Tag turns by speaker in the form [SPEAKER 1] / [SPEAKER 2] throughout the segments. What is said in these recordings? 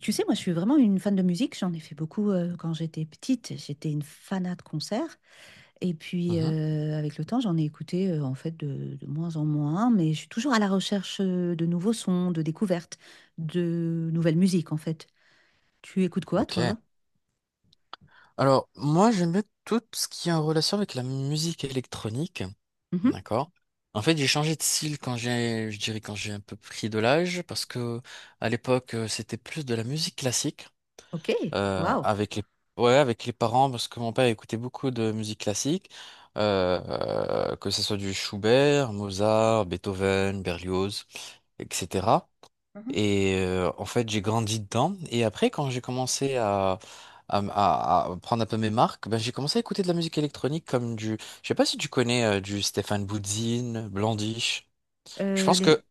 [SPEAKER 1] Tu sais, moi, je suis vraiment une fan de musique. J'en ai fait beaucoup quand j'étais petite. J'étais une fanat de concerts. Et puis,
[SPEAKER 2] Mhm,
[SPEAKER 1] avec le temps, j'en ai écouté en fait de moins en moins. Mais je suis toujours à la recherche de nouveaux sons, de découvertes, de nouvelles musiques, en fait. Tu écoutes quoi,
[SPEAKER 2] ok.
[SPEAKER 1] toi?
[SPEAKER 2] Alors, moi, j'aime bien tout ce qui est en relation avec la musique électronique.
[SPEAKER 1] Mhm.
[SPEAKER 2] D'accord. En fait, j'ai changé de style quand j'ai, je dirais, quand j'ai un peu pris de l'âge, parce que à l'époque, c'était plus de la musique classique.
[SPEAKER 1] Ok, waouh.
[SPEAKER 2] Avec les ouais avec les parents parce que mon père écoutait beaucoup de musique classique euh, que ce soit du Schubert, Mozart, Beethoven, Berlioz, etc.
[SPEAKER 1] Mhm.
[SPEAKER 2] Et en fait j'ai grandi dedans et après quand j'ai commencé à à prendre un peu mes marques, ben j'ai commencé à écouter de la musique électronique je sais pas si tu connais du Stéphane Boudzine, Blondish. Je pense
[SPEAKER 1] Les...
[SPEAKER 2] que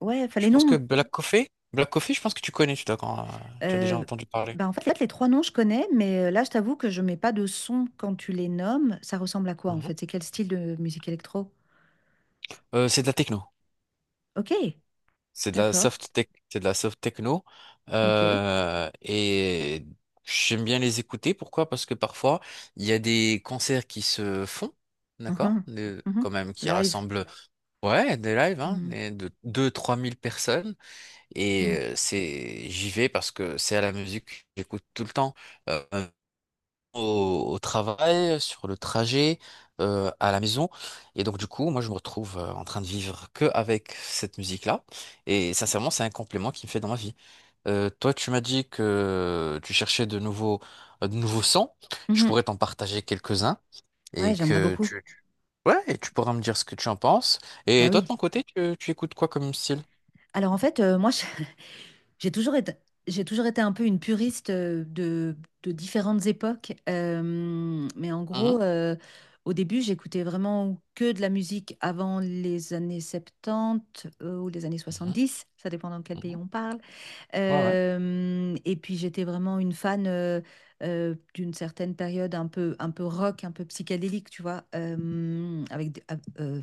[SPEAKER 1] Ouais, enfin
[SPEAKER 2] je
[SPEAKER 1] les
[SPEAKER 2] pense que
[SPEAKER 1] noms.
[SPEAKER 2] Black Coffee, Black Coffee, je pense que tu connais, tu as déjà
[SPEAKER 1] euh,
[SPEAKER 2] entendu parler.
[SPEAKER 1] Bah, en fait, les trois noms, je connais, mais là, je t'avoue que je mets pas de son quand tu les nommes. Ça ressemble à quoi, en
[SPEAKER 2] Mhm.
[SPEAKER 1] fait? C'est quel style de musique électro?
[SPEAKER 2] C'est de la techno.
[SPEAKER 1] Ok. D'accord.
[SPEAKER 2] C'est de la soft techno.
[SPEAKER 1] Ok.
[SPEAKER 2] Et j'aime bien les écouter. Pourquoi? Parce que parfois, il y a des concerts qui se font, d'accord?
[SPEAKER 1] Mhm. Mhm.
[SPEAKER 2] Quand même, qui
[SPEAKER 1] Live.
[SPEAKER 2] rassemblent, ouais, des lives, hein,
[SPEAKER 1] Mhm.
[SPEAKER 2] de deux trois mille personnes. Et
[SPEAKER 1] Mhm.
[SPEAKER 2] j'y vais parce que c'est à la musique que j'écoute tout le temps. Euh, au travail, sur le trajet, à la maison. Et donc, du coup, moi, je me retrouve en train de vivre que avec cette musique-là. Et sincèrement, c'est un complément qui me fait dans ma vie. Toi, tu m'as dit que tu cherchais de nouveaux sons. Je
[SPEAKER 1] Mhm.
[SPEAKER 2] pourrais t'en partager quelques-uns.
[SPEAKER 1] Ouais,
[SPEAKER 2] et
[SPEAKER 1] j'aimerais
[SPEAKER 2] que
[SPEAKER 1] beaucoup.
[SPEAKER 2] tu, tu- ouais, et tu pourras me dire ce que tu en penses.
[SPEAKER 1] Bah
[SPEAKER 2] Et toi, de
[SPEAKER 1] oui.
[SPEAKER 2] ton côté, tu écoutes quoi comme style?
[SPEAKER 1] Alors en fait, moi, j'ai toujours été, j'ai toujours été un peu une puriste de différentes époques. Mais en
[SPEAKER 2] Mhm,
[SPEAKER 1] gros, au début, j'écoutais vraiment que de la musique avant les années 70 ou les années
[SPEAKER 2] mhm,
[SPEAKER 1] 70. Ça dépend dans quel pays
[SPEAKER 2] mhm.
[SPEAKER 1] on parle.
[SPEAKER 2] Ouais, ouais.
[SPEAKER 1] Et puis j'étais vraiment une fan d'une certaine période un peu rock, un peu psychédélique, tu vois, avec,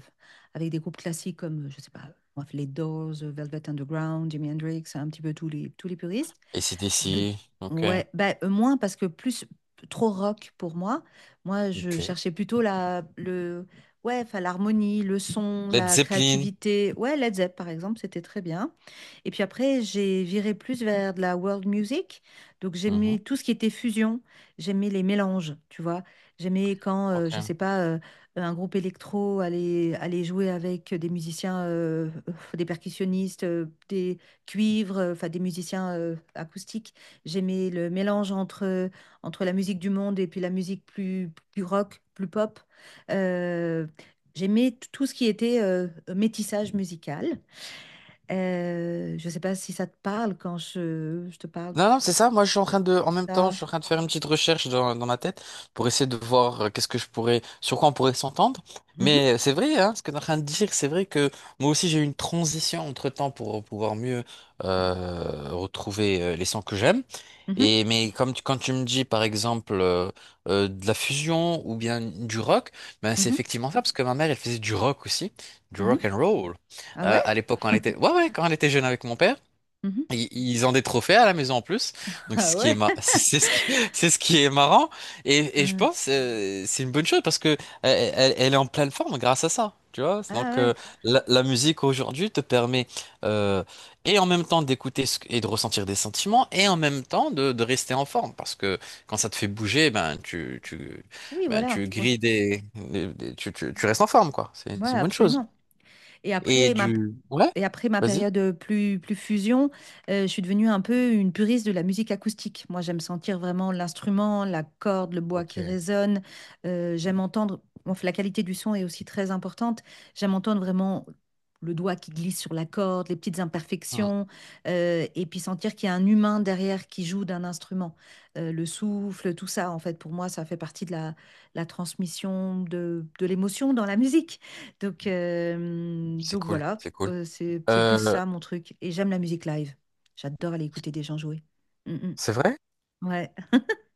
[SPEAKER 1] avec des groupes classiques comme, je sais pas, moi, les Doors, Velvet Underground, Jimi Hendrix, un petit peu tous les puristes.
[SPEAKER 2] Et c'est
[SPEAKER 1] De,
[SPEAKER 2] d'ici. Ok.
[SPEAKER 1] ouais, bah, moins parce que plus trop rock pour moi. Moi, je
[SPEAKER 2] Ok.
[SPEAKER 1] cherchais plutôt la, le, ouais, enfin, l'harmonie, le son,
[SPEAKER 2] Led
[SPEAKER 1] la
[SPEAKER 2] Zeppelin.
[SPEAKER 1] créativité. Ouais, Led Zepp, par exemple, c'était très bien. Et puis après, j'ai viré plus vers de la world music. Donc
[SPEAKER 2] Mhm,
[SPEAKER 1] j'aimais tout ce qui était fusion, j'aimais les mélanges, tu vois. J'aimais quand, je sais
[SPEAKER 2] ok.
[SPEAKER 1] pas, un groupe électro allait, allait jouer avec des musiciens, des percussionnistes, des cuivres, enfin des musiciens acoustiques. J'aimais le mélange entre, entre la musique du monde et puis la musique plus, plus rock, plus pop. Euh, J'aimais tout ce qui était métissage musical. Je ne sais pas si ça te parle quand je te parle
[SPEAKER 2] Non, non, c'est ça. Moi, je suis en train de,
[SPEAKER 1] de
[SPEAKER 2] en même temps, je
[SPEAKER 1] ça.
[SPEAKER 2] suis en train de faire une petite recherche dans ma tête pour essayer de voir qu'est-ce que je pourrais, sur quoi on pourrait s'entendre.
[SPEAKER 1] Mhm,
[SPEAKER 2] Mais c'est vrai, hein, ce que tu es en train de dire, c'est vrai que moi aussi, j'ai eu une transition entre-temps pour pouvoir mieux retrouver les sons que j'aime.
[SPEAKER 1] mhm,
[SPEAKER 2] Et mais comme quand tu me dis par exemple de la fusion ou bien du rock, ben c'est
[SPEAKER 1] mhm,
[SPEAKER 2] effectivement ça parce que ma mère elle faisait du rock aussi, du rock
[SPEAKER 1] mhm.
[SPEAKER 2] and roll
[SPEAKER 1] Ah ouais?
[SPEAKER 2] à l'époque quand elle était ouais, ouais, quand elle était jeune avec mon père.
[SPEAKER 1] Mhm.
[SPEAKER 2] Ils ont des trophées à la maison en plus, donc c'est
[SPEAKER 1] Ah
[SPEAKER 2] ce qui est
[SPEAKER 1] ouais?
[SPEAKER 2] ma- c'est ce qui est marrant et je
[SPEAKER 1] Euh,
[SPEAKER 2] pense, c'est une bonne chose parce que elle, elle est en pleine forme grâce à ça, tu vois.
[SPEAKER 1] ah
[SPEAKER 2] Donc euh,
[SPEAKER 1] ouais?
[SPEAKER 2] la, la musique aujourd'hui te permet euh, et en même temps d'écouter et de ressentir des sentiments et en même temps de rester en forme parce que quand ça te fait bouger, ben tu tu
[SPEAKER 1] Oui,
[SPEAKER 2] ben
[SPEAKER 1] voilà.
[SPEAKER 2] tu
[SPEAKER 1] Ouais,
[SPEAKER 2] grilles des, tu restes en forme quoi. C'est
[SPEAKER 1] ouais,
[SPEAKER 2] c'est une bonne chose.
[SPEAKER 1] absolument. Et
[SPEAKER 2] Et
[SPEAKER 1] après ma,
[SPEAKER 2] du ouais,
[SPEAKER 1] et après ma
[SPEAKER 2] vas-y.
[SPEAKER 1] période plus, plus fusion, je suis devenue un peu une puriste de la musique acoustique. Moi, j'aime sentir vraiment l'instrument, la corde, le bois qui
[SPEAKER 2] Ok.
[SPEAKER 1] résonne. J'aime entendre, bon, la qualité du son est aussi très importante. J'aime entendre vraiment le doigt qui glisse sur la corde, les petites
[SPEAKER 2] Hmm.
[SPEAKER 1] imperfections, et puis sentir qu'il y a un humain derrière qui joue d'un instrument. Le souffle, tout ça, en fait, pour moi, ça fait partie de la, la transmission de l'émotion dans la musique.
[SPEAKER 2] C'est
[SPEAKER 1] Donc
[SPEAKER 2] cool,
[SPEAKER 1] voilà,
[SPEAKER 2] c'est cool.
[SPEAKER 1] C'est plus
[SPEAKER 2] Euh,
[SPEAKER 1] ça mon truc. Et j'aime la musique live. J'adore aller écouter des gens jouer. Mm,
[SPEAKER 2] c'est
[SPEAKER 1] mm.
[SPEAKER 2] vrai?
[SPEAKER 1] Ouais.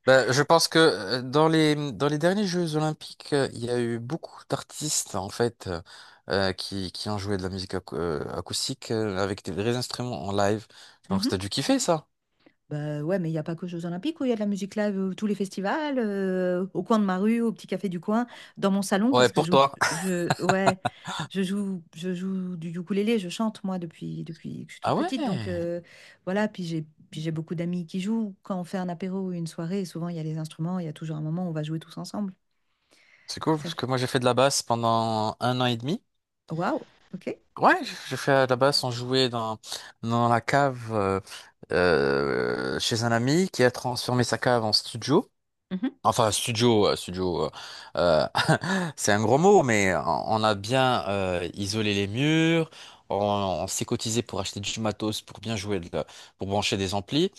[SPEAKER 2] Bah, je pense que dans les derniers Jeux Olympiques, il y a eu beaucoup d'artistes en fait, qui ont joué de la musique acoustique avec des vrais instruments en live. Donc t'as
[SPEAKER 1] Mhm.
[SPEAKER 2] dû kiffer ça.
[SPEAKER 1] Bah ouais, mais il n'y a pas que aux Jeux Olympiques où il y a de la musique live, tous les festivals, au coin de ma rue, au petit café du coin, dans mon salon,
[SPEAKER 2] Ouais,
[SPEAKER 1] parce que
[SPEAKER 2] pour toi.
[SPEAKER 1] je, ouais, je joue du ukulélé, je chante moi depuis, depuis que je suis
[SPEAKER 2] Ah
[SPEAKER 1] toute
[SPEAKER 2] ouais,
[SPEAKER 1] petite. Donc voilà, puis j'ai beaucoup d'amis qui jouent. Quand on fait un apéro ou une soirée, souvent il y a les instruments, il y a toujours un moment où on va jouer tous ensemble.
[SPEAKER 2] c'est cool
[SPEAKER 1] Ça
[SPEAKER 2] parce que moi j'ai fait de la basse pendant 1 an et demi.
[SPEAKER 1] waouh, ok.
[SPEAKER 2] Ouais, j'ai fait de la basse, on jouait dans la cave, chez un ami qui a transformé sa cave en studio.
[SPEAKER 1] Mhm.
[SPEAKER 2] Enfin, studio, euh, c'est un gros mot, mais on a bien isolé les murs, on, on s'est cotisé pour acheter du matos, pour bien jouer, pour brancher des amplis.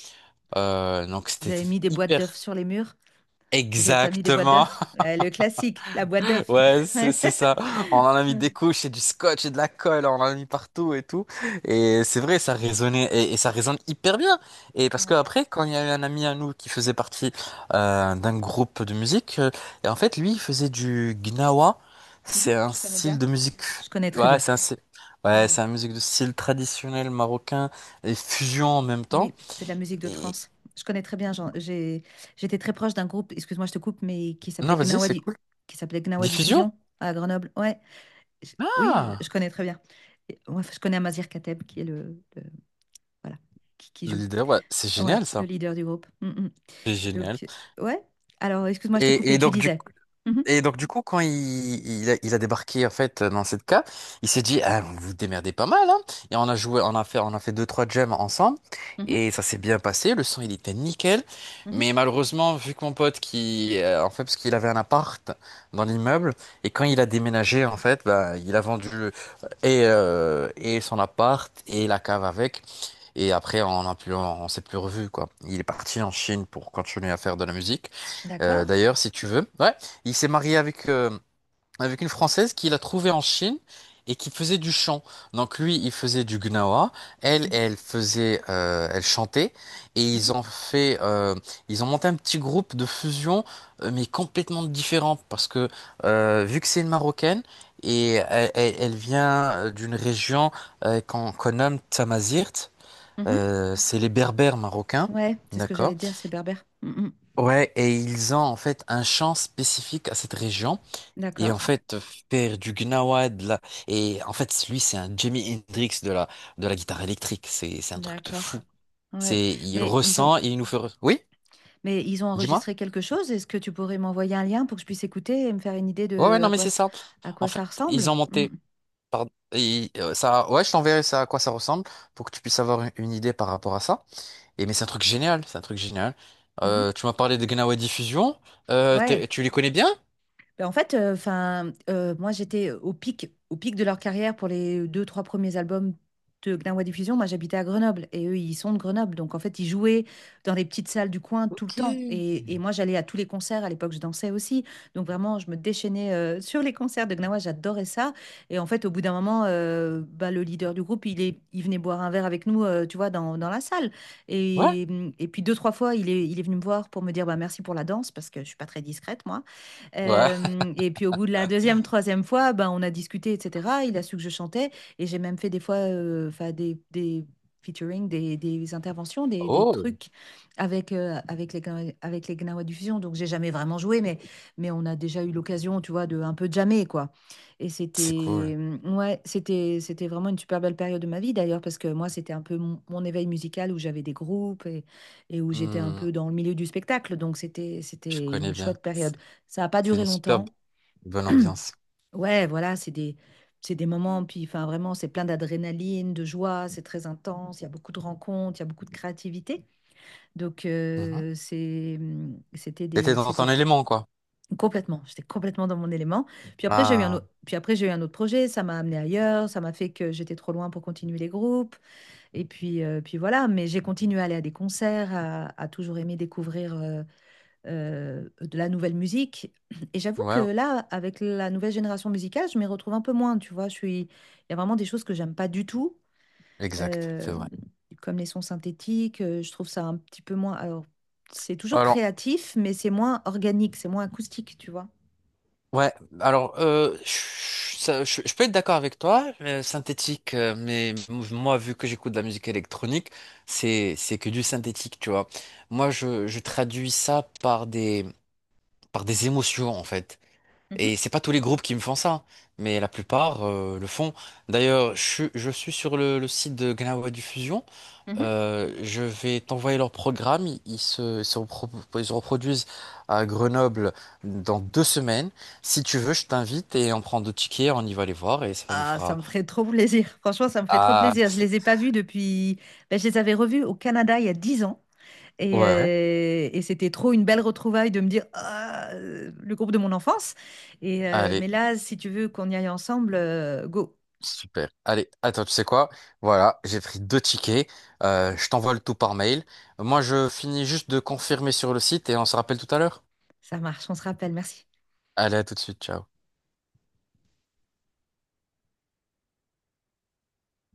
[SPEAKER 2] Donc
[SPEAKER 1] Vous
[SPEAKER 2] c'était
[SPEAKER 1] avez mis des boîtes d'œufs
[SPEAKER 2] hyper.
[SPEAKER 1] sur les murs? Vous n'avez pas mis des boîtes
[SPEAKER 2] Exactement.
[SPEAKER 1] d'œufs? Le classique, la boîte d'œufs.
[SPEAKER 2] Ouais, c'est
[SPEAKER 1] Ouais.
[SPEAKER 2] c'est ça. On en a mis des couches et du scotch et de la colle, on en a mis partout et tout. Et c'est vrai, ça résonnait et ça résonne hyper bien. Et parce que
[SPEAKER 1] Ouais,
[SPEAKER 2] après, quand il y a eu un ami à nous qui faisait partie d'un groupe de musique, et en fait, lui, il faisait du gnawa.
[SPEAKER 1] mhm.
[SPEAKER 2] C'est un
[SPEAKER 1] Je connais
[SPEAKER 2] style
[SPEAKER 1] bien.
[SPEAKER 2] de musique.
[SPEAKER 1] Je connais très
[SPEAKER 2] Ouais,
[SPEAKER 1] bien.
[SPEAKER 2] c'est un style. Ouais,
[SPEAKER 1] Mm.
[SPEAKER 2] c'est une musique de style traditionnel marocain et fusion en même temps.
[SPEAKER 1] Oui, c'est de la musique de
[SPEAKER 2] Et
[SPEAKER 1] trance. Je connais très bien. J'étais très proche d'un groupe, excuse-moi, je te coupe, mais qui
[SPEAKER 2] non,
[SPEAKER 1] s'appelait
[SPEAKER 2] vas-y,
[SPEAKER 1] Gnawa,
[SPEAKER 2] c'est cool.
[SPEAKER 1] Qui s'appelait Gnawa
[SPEAKER 2] Diffusion?
[SPEAKER 1] Diffusion à Grenoble. Ouais, oui,
[SPEAKER 2] Ah,
[SPEAKER 1] je connais très bien. Et- ouais, je connais Amazir Kateb, qui est voilà, qui
[SPEAKER 2] le
[SPEAKER 1] joue.
[SPEAKER 2] leader, ouais, c'est
[SPEAKER 1] Ouais,
[SPEAKER 2] génial
[SPEAKER 1] le
[SPEAKER 2] ça.
[SPEAKER 1] leader du groupe. Mm, mm.
[SPEAKER 2] C'est génial.
[SPEAKER 1] Donc, ouais. Alors, excuse-moi, je t'ai
[SPEAKER 2] Et,
[SPEAKER 1] coupé,
[SPEAKER 2] et
[SPEAKER 1] tu
[SPEAKER 2] donc du
[SPEAKER 1] disais. Mhm,
[SPEAKER 2] Et donc, du coup, quand il a débarqué, en fait, dans cette cave, il s'est dit, ah, vous vous démerdez pas mal, hein. Et on a joué, on a fait deux, trois jams ensemble.
[SPEAKER 1] mhm,
[SPEAKER 2] Et ça s'est bien passé. Le son, il était nickel.
[SPEAKER 1] mhm,
[SPEAKER 2] Mais malheureusement, vu que mon pote qui, en fait, parce qu'il avait un appart dans l'immeuble, et quand il a déménagé, en fait, bah, il a vendu et son appart et la cave avec. Et après, on a plus, s'est plus revu, quoi. Il est parti en Chine pour continuer à faire de la musique.
[SPEAKER 1] d'accord.
[SPEAKER 2] D'ailleurs, si tu veux. Ouais, il s'est marié avec une Française qu'il a trouvée en Chine et qui faisait du chant. Donc lui, il faisait du gnawa, elle,
[SPEAKER 1] Mhm,
[SPEAKER 2] elle chantait, et
[SPEAKER 1] mhm,
[SPEAKER 2] ils ont monté un petit groupe de fusion, mais complètement différent, parce que vu que c'est une Marocaine et elle vient d'une région qu'on nomme Tamazirt,
[SPEAKER 1] mhm.
[SPEAKER 2] c'est les Berbères marocains,
[SPEAKER 1] Ouais, c'est ce que j'allais
[SPEAKER 2] d'accord?
[SPEAKER 1] dire, c'est berbère. Mm, mm.
[SPEAKER 2] Ouais, et ils ont en fait un chant spécifique à cette région. Et en
[SPEAKER 1] D'accord.
[SPEAKER 2] fait, faire du Gnawad, là, et en fait, lui, c'est un Jimi Hendrix de la guitare électrique. C'est un truc de
[SPEAKER 1] D'accord.
[SPEAKER 2] fou.
[SPEAKER 1] Ouais.
[SPEAKER 2] Il
[SPEAKER 1] Mais ils ont,
[SPEAKER 2] ressent, il nous fait. Oui,
[SPEAKER 1] mais ils ont
[SPEAKER 2] dis-moi.
[SPEAKER 1] enregistré quelque chose. Est-ce que tu pourrais m'envoyer un lien pour que je puisse écouter et me faire une idée
[SPEAKER 2] Ouais, ouais,
[SPEAKER 1] de
[SPEAKER 2] non,
[SPEAKER 1] à
[SPEAKER 2] mais
[SPEAKER 1] quoi,
[SPEAKER 2] c'est ça.
[SPEAKER 1] à
[SPEAKER 2] En
[SPEAKER 1] quoi
[SPEAKER 2] fait,
[SPEAKER 1] ça
[SPEAKER 2] ils
[SPEAKER 1] ressemble?
[SPEAKER 2] ont monté. Pardon. Et, ça, ouais, je t'enverrai ça à quoi ça ressemble pour que tu puisses avoir une idée par rapport à ça. Et mais c'est un truc génial, c'est un truc génial.
[SPEAKER 1] Mhm, mhm.
[SPEAKER 2] Tu m'as parlé de Gnawa Diffusion.
[SPEAKER 1] Ouais.
[SPEAKER 2] Tu les connais bien?
[SPEAKER 1] Ben, en fait, enfin, moi j'étais au pic de leur carrière pour les deux, trois premiers albums de Gnawa Diffusion. Moi j'habitais à Grenoble et eux ils sont de Grenoble. Donc en fait ils jouaient dans les petites salles du coin tout le
[SPEAKER 2] Ok.
[SPEAKER 1] temps. Et moi j'allais à tous les concerts. À l'époque je dansais aussi. Donc vraiment je me déchaînais sur les concerts de Gnawa. J'adorais ça. Et en fait au bout d'un moment, bah, le leader du groupe il est, il venait boire un verre avec nous, tu vois, dans, dans la salle.
[SPEAKER 2] Ouais.
[SPEAKER 1] Et, et puis deux, trois fois il est venu me voir pour me dire bah, merci pour la danse parce que je suis pas très discrète moi.
[SPEAKER 2] Ouais.
[SPEAKER 1] Hem et puis au bout de la deuxième, troisième fois, ben, on a discuté et cetera. Il a su que je chantais et j'ai même fait des fois, enfin des featuring, des interventions, des
[SPEAKER 2] Oh,
[SPEAKER 1] trucs avec, avec les Gnawa Diffusion. Donc j'ai jamais vraiment joué, mais on a déjà eu l'occasion, tu vois, de un peu jammer, quoi et
[SPEAKER 2] c'est cool.
[SPEAKER 1] c'était, mmh, ouais, c'était c'était vraiment une super belle période de ma vie d'ailleurs parce que moi, c'était un peu mon mon éveil musical où j'avais des groupes et où j'étais un
[SPEAKER 2] Hmm,
[SPEAKER 1] peu dans le milieu du spectacle. Donc c'était
[SPEAKER 2] je
[SPEAKER 1] c'était
[SPEAKER 2] connais
[SPEAKER 1] une
[SPEAKER 2] bien.
[SPEAKER 1] chouette période. Ça n'a pas
[SPEAKER 2] C'est
[SPEAKER 1] duré
[SPEAKER 2] une super
[SPEAKER 1] longtemps.
[SPEAKER 2] bonne ambiance.
[SPEAKER 1] Ouais, voilà, c'est des moments, puis enfin vraiment, c'est plein d'adrénaline, de joie, c'est très intense, il y a beaucoup de rencontres, il y a beaucoup de créativité. Donc,
[SPEAKER 2] Mhm.
[SPEAKER 1] c'est, c'était
[SPEAKER 2] Et
[SPEAKER 1] des,
[SPEAKER 2] dans
[SPEAKER 1] c'était
[SPEAKER 2] ton élément, quoi.
[SPEAKER 1] complètement, j'étais complètement dans mon élément. Puis après, j'ai eu un
[SPEAKER 2] Ah,
[SPEAKER 1] autre, puis après, j'ai eu un autre projet, ça m'a amené ailleurs, ça m'a fait que j'étais trop loin pour continuer les groupes. Et puis, puis voilà, mais j'ai continué à aller à des concerts, à toujours aimer découvrir. De la nouvelle musique. Et j'avoue que
[SPEAKER 2] ouais,
[SPEAKER 1] là, avec la nouvelle génération musicale, je m'y retrouve un peu moins, tu vois. Je suis... Il y a vraiment des choses que j'aime pas du tout,
[SPEAKER 2] exact, c'est
[SPEAKER 1] euh,
[SPEAKER 2] vrai.
[SPEAKER 1] comme les sons synthétiques. Je trouve ça un petit peu moins... Alors, c'est toujours
[SPEAKER 2] Alors,
[SPEAKER 1] créatif, mais c'est moins organique, c'est moins acoustique, tu vois.
[SPEAKER 2] ouais, alors, euh, je, ça- je- je peux être d'accord avec toi, synthétique, mais moi, vu que j'écoute de la musique électronique, c'est que du synthétique, tu vois. Moi, je traduis ça par des émotions, en fait.
[SPEAKER 1] Mhm,
[SPEAKER 2] Et c'est pas tous les groupes qui me font ça, mais la plupart, le font. D'ailleurs, je suis sur le site de Gnawa Diffusion.
[SPEAKER 1] mhm.
[SPEAKER 2] Je vais t'envoyer leur programme. Ils se reproduisent à Grenoble dans 2 semaines. Si tu veux, je t'invite et on prend deux tickets, on y va les voir et ça nous
[SPEAKER 1] Ah, ça
[SPEAKER 2] fera.
[SPEAKER 1] me ferait trop plaisir. Franchement, ça me ferait trop
[SPEAKER 2] Ah,
[SPEAKER 1] plaisir. Je les ai pas vus depuis... Ben, je les avais revus au Canada il y a 10 ans.
[SPEAKER 2] ouais.
[SPEAKER 1] Et c'était trop une belle retrouvaille de me dire ah, le groupe de mon enfance. Et,
[SPEAKER 2] Allez,
[SPEAKER 1] mais là, si tu veux qu'on y aille ensemble, go,
[SPEAKER 2] super. Allez, attends, tu sais quoi? Voilà, j'ai pris deux tickets. Je t'envoie le tout par mail. Moi, je finis juste de confirmer sur le site et on se rappelle tout à l'heure.
[SPEAKER 1] ça marche, on se rappelle. Merci.
[SPEAKER 2] Allez, à tout de suite. Ciao.